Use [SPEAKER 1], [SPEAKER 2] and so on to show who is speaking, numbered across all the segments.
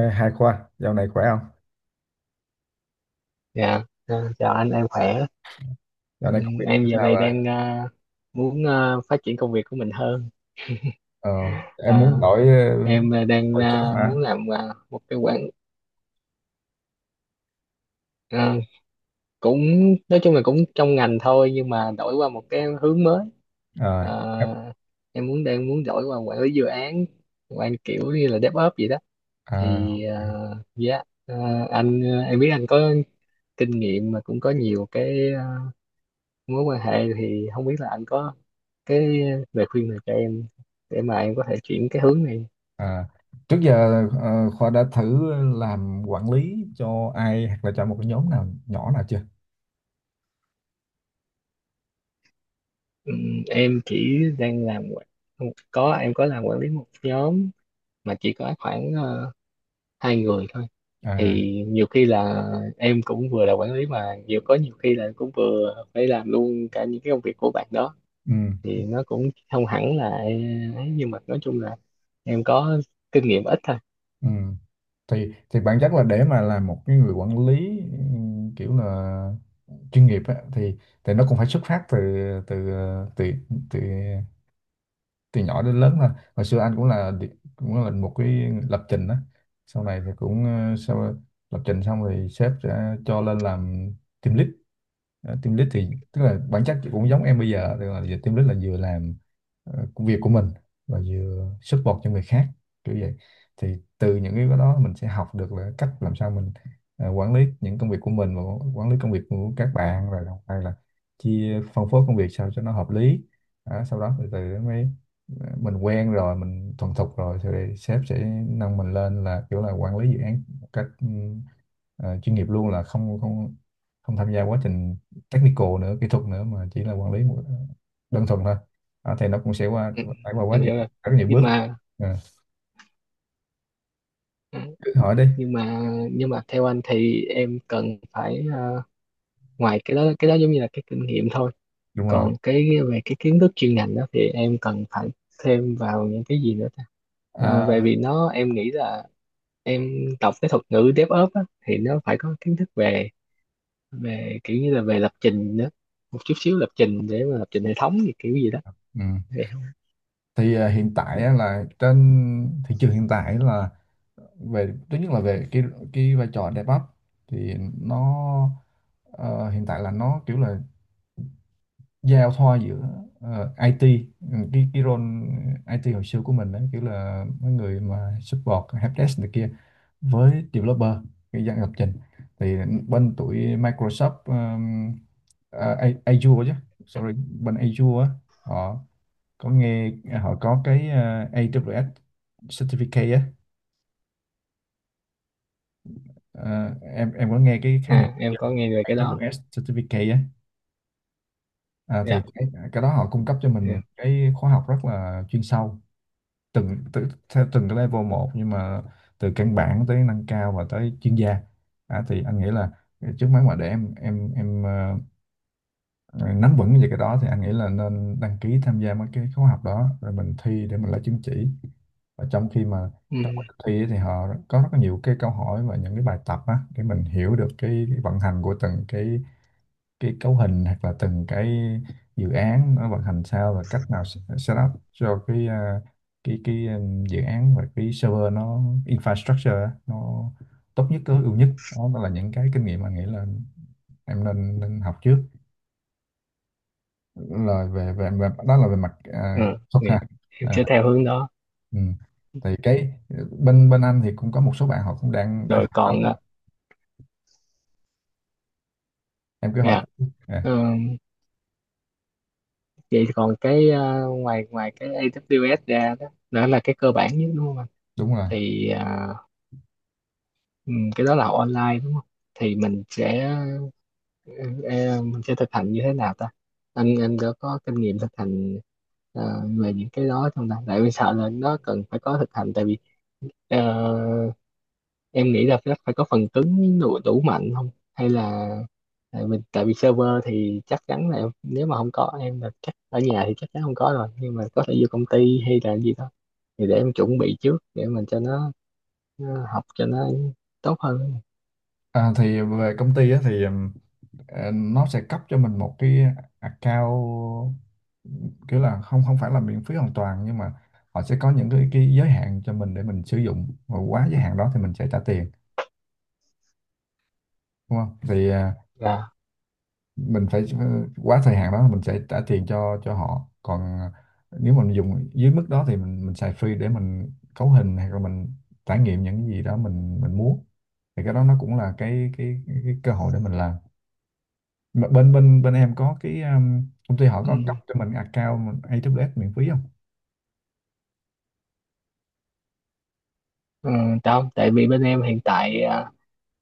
[SPEAKER 1] Ê, Hai Khoa, dạo này khỏe không?
[SPEAKER 2] Dạ, chào anh, em khỏe.
[SPEAKER 1] Dạo
[SPEAKER 2] Ừ,
[SPEAKER 1] này công việc
[SPEAKER 2] Em
[SPEAKER 1] thế
[SPEAKER 2] giờ
[SPEAKER 1] nào
[SPEAKER 2] này
[SPEAKER 1] rồi?
[SPEAKER 2] đang muốn phát triển công việc của mình hơn.
[SPEAKER 1] Ờ, em
[SPEAKER 2] À,
[SPEAKER 1] muốn đổi
[SPEAKER 2] em đang
[SPEAKER 1] đổi job hả?
[SPEAKER 2] muốn làm một cái quản, ờ, cũng nói chung là cũng trong ngành thôi, nhưng mà đổi qua một cái hướng mới.
[SPEAKER 1] Ờ, em-
[SPEAKER 2] Ờ, em đang muốn đổi qua quản lý dự án, quản kiểu như là DevOps gì đó.
[SPEAKER 1] À,
[SPEAKER 2] Thì ờ, dạ, ờ, anh ờ, Em biết anh có kinh nghiệm mà cũng có nhiều cái mối quan hệ, thì không biết là anh có cái lời khuyên này cho em để mà em có thể chuyển cái hướng này.
[SPEAKER 1] à. Trước giờ Khoa đã thử làm quản lý cho ai hoặc là cho một cái nhóm nào nhỏ nào chưa?
[SPEAKER 2] Em chỉ đang làm quản-, không, có em có làm quản lý một nhóm mà chỉ có khoảng hai người thôi.
[SPEAKER 1] À,
[SPEAKER 2] Thì nhiều khi là em cũng vừa là quản lý mà nhiều khi là cũng vừa phải làm luôn cả những cái công việc của bạn đó,
[SPEAKER 1] ừ,
[SPEAKER 2] thì nó cũng không hẳn là ấy, nhưng mà nói chung là em có kinh nghiệm ít thôi.
[SPEAKER 1] ừ. Thì bản chất là để mà làm một cái người quản lý, kiểu là chuyên nghiệp á, thì nó cũng phải xuất phát từ từ ờ, từ từ từ nhỏ đến lớn thôi. Hồi xưa anh cũng là một cái lập trình đó, sau này thì cũng sau lập trình xong thì sếp sẽ cho lên làm team lead. Team lead thì tức là bản chất thì cũng giống em bây giờ, tức là giờ team lead là vừa làm công việc của mình và vừa support cho người khác, kiểu vậy. Thì từ những cái đó mình sẽ học được là cách làm sao mình quản lý những công việc của mình và quản lý công việc của các bạn, rồi đồng thời là chia phân phối công việc sao cho nó hợp lý. Đó, sau đó từ từ mới mình quen rồi, mình thuần thục rồi thì sếp sẽ nâng mình lên là kiểu là quản lý dự án một cách chuyên nghiệp luôn, là không không không tham gia quá trình technical nữa, kỹ thuật nữa, mà chỉ là quản lý một đơn thuần thôi. Thì nó cũng sẽ
[SPEAKER 2] Ừ,
[SPEAKER 1] phải qua quá
[SPEAKER 2] em
[SPEAKER 1] nhiều
[SPEAKER 2] hiểu rồi,
[SPEAKER 1] rất nhiều
[SPEAKER 2] nhưng
[SPEAKER 1] bước.
[SPEAKER 2] mà
[SPEAKER 1] Ờ, cứ hỏi đi.
[SPEAKER 2] nhưng mà nhưng mà theo anh thì em cần phải, ngoài cái đó, giống như là cái kinh nghiệm thôi,
[SPEAKER 1] Đúng rồi.
[SPEAKER 2] còn cái về cái kiến thức chuyên ngành đó thì em cần phải thêm vào những cái gì nữa ta. À, về
[SPEAKER 1] À,
[SPEAKER 2] vì nó em nghĩ là em đọc cái thuật ngữ DevOps á, thì nó phải có kiến thức về, về kiểu như là về lập trình nữa, một chút xíu lập trình để mà lập trình hệ thống gì kiểu gì đó.
[SPEAKER 1] ừ.
[SPEAKER 2] Thì-,
[SPEAKER 1] Thì hiện tại á, là trên thị trường hiện tại là về thứ nhất là về cái vai trò DevOps, thì nó ờ, hiện tại là nó kiểu là giao thoa giữa IT, cái role IT hồi xưa của mình đấy, kiểu là mấy người mà support helpdesk này kia với developer, cái dạng lập trình. Thì bên tụi Microsoft, Azure chứ, sorry, bên Azure á, họ có nghe họ có cái AWS certificate á. Ờ, em có nghe cái khái niệm
[SPEAKER 2] à
[SPEAKER 1] chưa?
[SPEAKER 2] em có nghe về cái đó.
[SPEAKER 1] AWS certificate á. Thì
[SPEAKER 2] Dạ.
[SPEAKER 1] cái đó họ cung cấp cho mình những
[SPEAKER 2] Dạ.
[SPEAKER 1] cái khóa học rất là chuyên sâu, từng từ, theo từng cái level một, nhưng mà từ căn bản tới nâng cao và tới chuyên gia. Thì anh nghĩ là trước mắt mà để em nắm vững về cái đó thì anh nghĩ là nên đăng ký tham gia mấy cái khóa học đó rồi mình thi để mình lấy chứng chỉ. Và trong khi mà
[SPEAKER 2] ừ,
[SPEAKER 1] trong quá trình thi ấy thì họ có rất là nhiều cái câu hỏi và những cái bài tập á để mình hiểu được cái vận hành của từng cái cấu hình, hoặc là từng cái dự án nó vận hành sao và cách nào set up cho cái à, cái cái dự án và cái server, nó infrastructure á, nó tốt nhất, tối ưu nhất. Đó, đó là những cái kinh nghiệm mà nghĩ là em nên nên học trước, là về về, về đó, là về mặt
[SPEAKER 2] ừ.
[SPEAKER 1] thuật,
[SPEAKER 2] Thì
[SPEAKER 1] ha?
[SPEAKER 2] em sẽ
[SPEAKER 1] à,
[SPEAKER 2] theo hướng đó.
[SPEAKER 1] ừ. Thì cái bên bên anh thì cũng có một số bạn họ cũng đang đang
[SPEAKER 2] Rồi
[SPEAKER 1] học.
[SPEAKER 2] còn à,
[SPEAKER 1] Đó, em cứ hỏi.
[SPEAKER 2] dạ.
[SPEAKER 1] à,
[SPEAKER 2] Ừ, vậy còn cái ngoài ngoài cái AWS ra đó, đó là cái cơ bản nhất đúng không anh?
[SPEAKER 1] đúng rồi.
[SPEAKER 2] Thì cái đó là học online đúng không? Thì mình sẽ, ờ, mình sẽ thực hành như thế nào ta? Anh có kinh nghiệm thực hành về những cái đó trong ta, tại vì sợ là nó cần phải có thực hành. Tại vì ờ, em nghĩ là nó phải có phần cứng đủ, đủ mạnh không, hay là tại mình, tại vì server thì chắc chắn là em-, nếu mà không có em là chắc ở nhà thì chắc chắn không có rồi, nhưng mà có thể vô công ty hay là gì đó, thì để em chuẩn bị trước để mình cho nó học cho nó tốt hơn.
[SPEAKER 1] Thì về công ty á, thì nó sẽ cấp cho mình một cái account, kiểu là không không phải là miễn phí hoàn toàn, nhưng mà họ sẽ có những cái giới hạn cho mình để mình sử dụng, và quá giới hạn đó thì mình sẽ trả tiền, đúng không? Thì
[SPEAKER 2] Dạ.
[SPEAKER 1] mình phải quá thời hạn đó mình sẽ trả tiền cho họ, còn nếu mình dùng dưới mức đó thì mình xài free để mình cấu hình hay là mình trải nghiệm những gì đó mình muốn. Thì cái đó nó cũng là cái cơ hội để mình làm. Mà bên bên bên em có cái công ty họ
[SPEAKER 2] Ừ.
[SPEAKER 1] có cấp cho mình account AWS miễn phí không?
[SPEAKER 2] Ừ, không, tại vì bên em hiện tại à,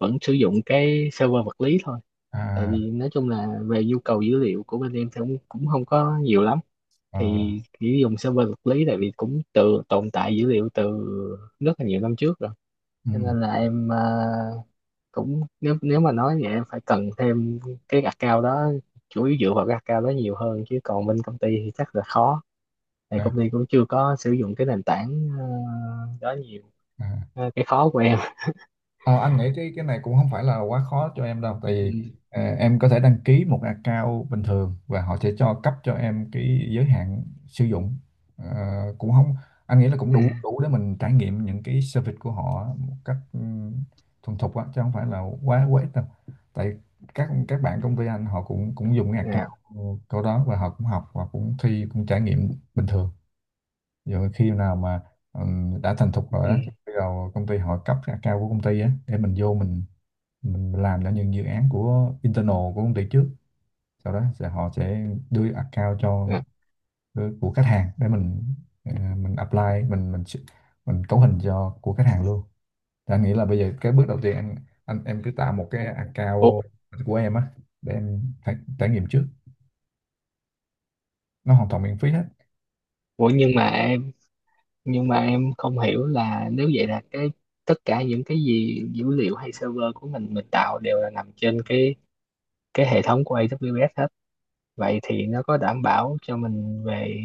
[SPEAKER 2] vẫn sử dụng cái server vật lý thôi. Tại
[SPEAKER 1] À,
[SPEAKER 2] vì nói chung là về nhu cầu dữ liệu của bên em thì cũng cũng không có nhiều lắm,
[SPEAKER 1] ờ,
[SPEAKER 2] thì chỉ dùng server vật lý, tại vì cũng từ tồn tại dữ liệu từ rất là nhiều năm trước rồi.
[SPEAKER 1] ừ,
[SPEAKER 2] Cho nên là em, cũng nếu, nếu mà nói vậy em phải cần thêm cái account đó, chủ yếu dựa vào cái account đó nhiều hơn, chứ còn bên công ty thì chắc là khó. Tại
[SPEAKER 1] à,
[SPEAKER 2] công ty cũng chưa có sử dụng cái nền tảng đó nhiều.
[SPEAKER 1] à.
[SPEAKER 2] Ờ, cái khó của em.
[SPEAKER 1] Ờ, anh nghĩ cái này cũng không phải là quá khó cho em đâu, tại
[SPEAKER 2] Ừ.
[SPEAKER 1] vì em có thể đăng ký một account bình thường và họ sẽ cấp cho em cái giới hạn sử dụng. Ờ, cũng không anh nghĩ là cũng
[SPEAKER 2] À,
[SPEAKER 1] đủ đủ để mình trải nghiệm những cái service của họ một cách thuần thục á, chứ không phải là quá quá ít đâu. Tại các bạn công ty anh họ cũng cũng dùng cái account
[SPEAKER 2] à,
[SPEAKER 1] của đó và họ cũng học và cũng thi, cũng trải nghiệm bình thường. Rồi khi nào mà đã thành thục rồi á thì
[SPEAKER 2] ừ.
[SPEAKER 1] bây giờ công ty họ cấp cái account của công ty á để mình vô, mình làm cho những dự án của internal của công ty trước, sau đó họ sẽ đưa account cho,
[SPEAKER 2] À.
[SPEAKER 1] đưa của khách hàng để mình mình apply, mình mình ch- mình cấu hình cho của khách hàng luôn. Thì anh nghĩ là bây giờ cái bước đầu tiên anh em cứ tạo một cái
[SPEAKER 2] Ủa,
[SPEAKER 1] account của em á để em trải nghiệm trước, nó hoàn toàn miễn phí hết.
[SPEAKER 2] ủa nhưng mà em nhưng mà em không hiểu là nếu vậy là cái, tất cả những cái gì dữ liệu hay server của mình tạo đều là nằm trên cái hệ thống của AWS hết, vậy thì nó có đảm bảo cho mình về,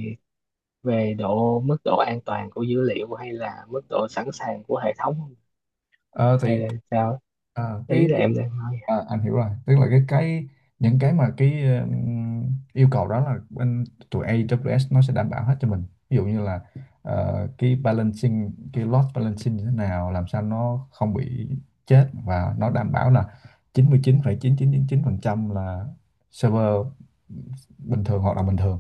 [SPEAKER 2] về độ, mức độ an toàn của dữ liệu hay là mức độ sẵn sàng của hệ thống không?
[SPEAKER 1] Ờ,
[SPEAKER 2] Hay
[SPEAKER 1] thì
[SPEAKER 2] là sao,
[SPEAKER 1] ờ,
[SPEAKER 2] ý
[SPEAKER 1] cái
[SPEAKER 2] là em đang nói.
[SPEAKER 1] À, anh hiểu rồi, tức là cái những cái mà cái yêu cầu đó là bên tụi AWS nó sẽ đảm bảo hết cho mình. Ví dụ như là cái load balancing như thế nào, làm sao nó không bị chết, và nó đảm bảo là chín mươi chín phẩy chín chín chín chín mươi phẩy phần trăm là server bình thường, hoạt động bình thường,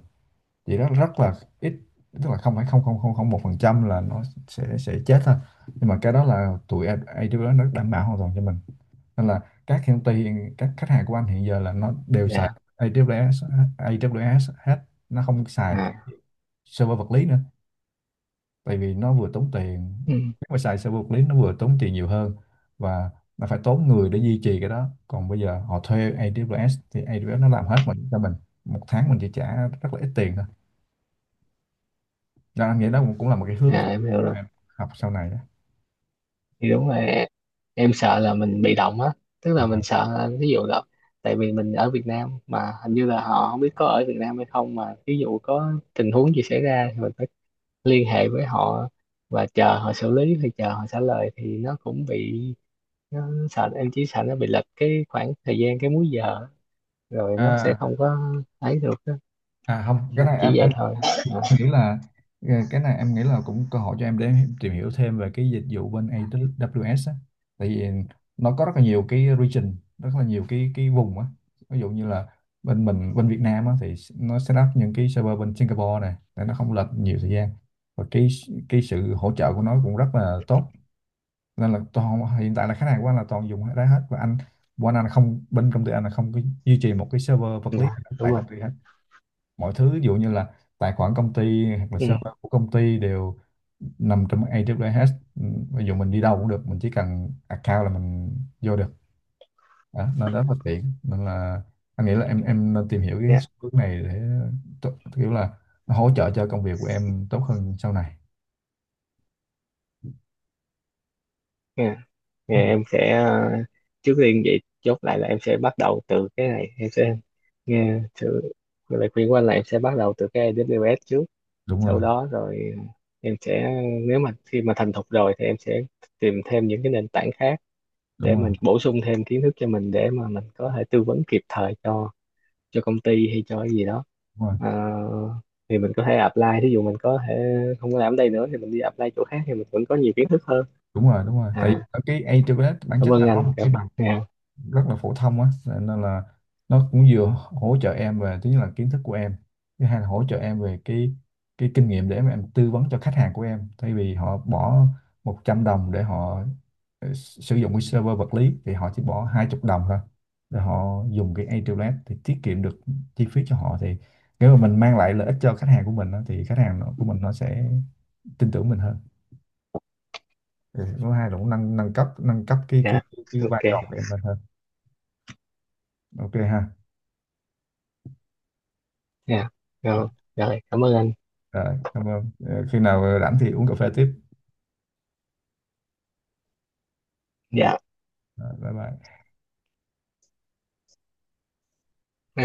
[SPEAKER 1] chỉ rất rất là ít, tức là không phải không không không không 1% là nó sẽ chết thôi. Nhưng mà cái đó là tụi AWS nó đảm bảo hoàn toàn cho mình, nên là các công ty, các khách hàng của anh hiện giờ là nó đều xài
[SPEAKER 2] Dạ.
[SPEAKER 1] AWS AWS hết, nó không xài cái
[SPEAKER 2] À,
[SPEAKER 1] server vật lý nữa, tại vì nó vừa tốn tiền.
[SPEAKER 2] ừ.
[SPEAKER 1] Nếu mà xài server vật lý nó vừa tốn tiền nhiều hơn, và nó phải tốn người để duy trì cái đó, còn bây giờ họ thuê AWS thì AWS nó làm hết mình cho mình, một tháng mình chỉ trả rất là ít tiền thôi. Đó, anh nghĩ đó cũng cũng là một cái hướng cho
[SPEAKER 2] À em hiểu rồi.
[SPEAKER 1] em học sau này đó.
[SPEAKER 2] Thì đúng rồi, em sợ là mình bị động á, tức
[SPEAKER 1] à,
[SPEAKER 2] là mình sợ là ví dụ là, tại vì mình ở Việt Nam mà hình như là họ không biết có ở Việt Nam hay không, mà ví dụ có tình huống gì xảy ra thì mình phải liên hệ với họ và chờ họ xử lý hay chờ họ trả lời, thì nó cũng bị, nó sợ em chỉ sợ nó bị lệch cái khoảng thời gian, cái múi giờ, rồi nó sẽ
[SPEAKER 1] à,
[SPEAKER 2] không có ấy được á.
[SPEAKER 1] À, không, cái này
[SPEAKER 2] Chỉ vậy
[SPEAKER 1] anh
[SPEAKER 2] thôi. À,
[SPEAKER 1] nghĩ là cái này em nghĩ là cũng cơ hội cho em để em tìm hiểu thêm về cái dịch vụ bên AWS á. Tại vì nó có rất là nhiều cái region, rất là nhiều cái vùng á. Ví dụ như là bên mình, bên Việt Nam á, thì nó set up những cái server bên Singapore này để nó không lệch nhiều thời gian. Và cái sự hỗ trợ của nó cũng rất là tốt. Nên là toàn hiện tại là khách hàng của anh là toàn dùng cái đó hết, và anh, anh là không, bên công ty anh là không có duy trì một cái server vật lý
[SPEAKER 2] dạ, đúng
[SPEAKER 1] tại
[SPEAKER 2] rồi.
[SPEAKER 1] công ty hết. Mọi thứ, ví dụ như là tài khoản công ty hoặc là
[SPEAKER 2] Ừ,
[SPEAKER 1] server của công ty, đều nằm trong AWS. Ừ, ví dụ mình đi đâu cũng được, mình chỉ cần account là mình vô được. Đó, nên rất là tiện, nên là anh nghĩ là em nên tìm hiểu cái
[SPEAKER 2] dạ,
[SPEAKER 1] xu hướng này để kiểu là nó hỗ trợ cho công việc của em tốt hơn sau này.
[SPEAKER 2] dạ. Thì
[SPEAKER 1] Ừ,
[SPEAKER 2] em sẽ, trước tiên vậy chốt lại là em sẽ bắt đầu từ cái này. Em sẽ nghe sự lời khuyên của anh là em sẽ bắt đầu từ cái AWS trước,
[SPEAKER 1] đúng
[SPEAKER 2] sau
[SPEAKER 1] rồi,
[SPEAKER 2] đó rồi em sẽ, nếu mà khi mà thành thục rồi thì em sẽ tìm thêm những cái nền tảng khác để
[SPEAKER 1] đúng rồi,
[SPEAKER 2] mình bổ sung thêm kiến thức cho mình, để mà mình có thể tư vấn kịp thời cho công ty hay cho cái gì đó.
[SPEAKER 1] đúng rồi,
[SPEAKER 2] Ờ, thì mình có thể apply, thí dụ mình có thể không có làm ở đây nữa thì mình đi apply chỗ khác, thì mình vẫn có nhiều kiến thức hơn.
[SPEAKER 1] đúng rồi, đúng rồi, tại vì
[SPEAKER 2] À,
[SPEAKER 1] ở cái AWS bản
[SPEAKER 2] cảm
[SPEAKER 1] chất
[SPEAKER 2] ơn
[SPEAKER 1] là nó
[SPEAKER 2] anh.
[SPEAKER 1] một cái bằng
[SPEAKER 2] Dạ.
[SPEAKER 1] rất là phổ thông á, nên nên là nó cũng vừa hỗ trợ em, về thứ nhất là kiến thức của em, thứ hai là hỗ trợ em về cái kinh nghiệm để mà em tư vấn cho khách hàng của em, thay vì họ bỏ 100 đồng để họ sử dụng cái server vật lý thì họ chỉ bỏ 20 đồng thôi để họ dùng cái AWS, thì tiết kiệm được chi phí cho họ. Thì nếu mà mình mang lại lợi ích cho khách hàng của mình á, thì khách hàng nó, của mình nó sẽ tin tưởng mình hơn. Ừ, thứ hai là cũng nâng nâng cấp
[SPEAKER 2] Dạ.
[SPEAKER 1] cái vai
[SPEAKER 2] Ok.
[SPEAKER 1] trò của em lên hơn. OK ha.
[SPEAKER 2] Dạ. Rồi. Rồi, cảm ơn anh.
[SPEAKER 1] Rồi, cảm ơn. Ờ, Khi nào rảnh thì uống cà phê tiếp.
[SPEAKER 2] Dạ.
[SPEAKER 1] Rồi, bye bye.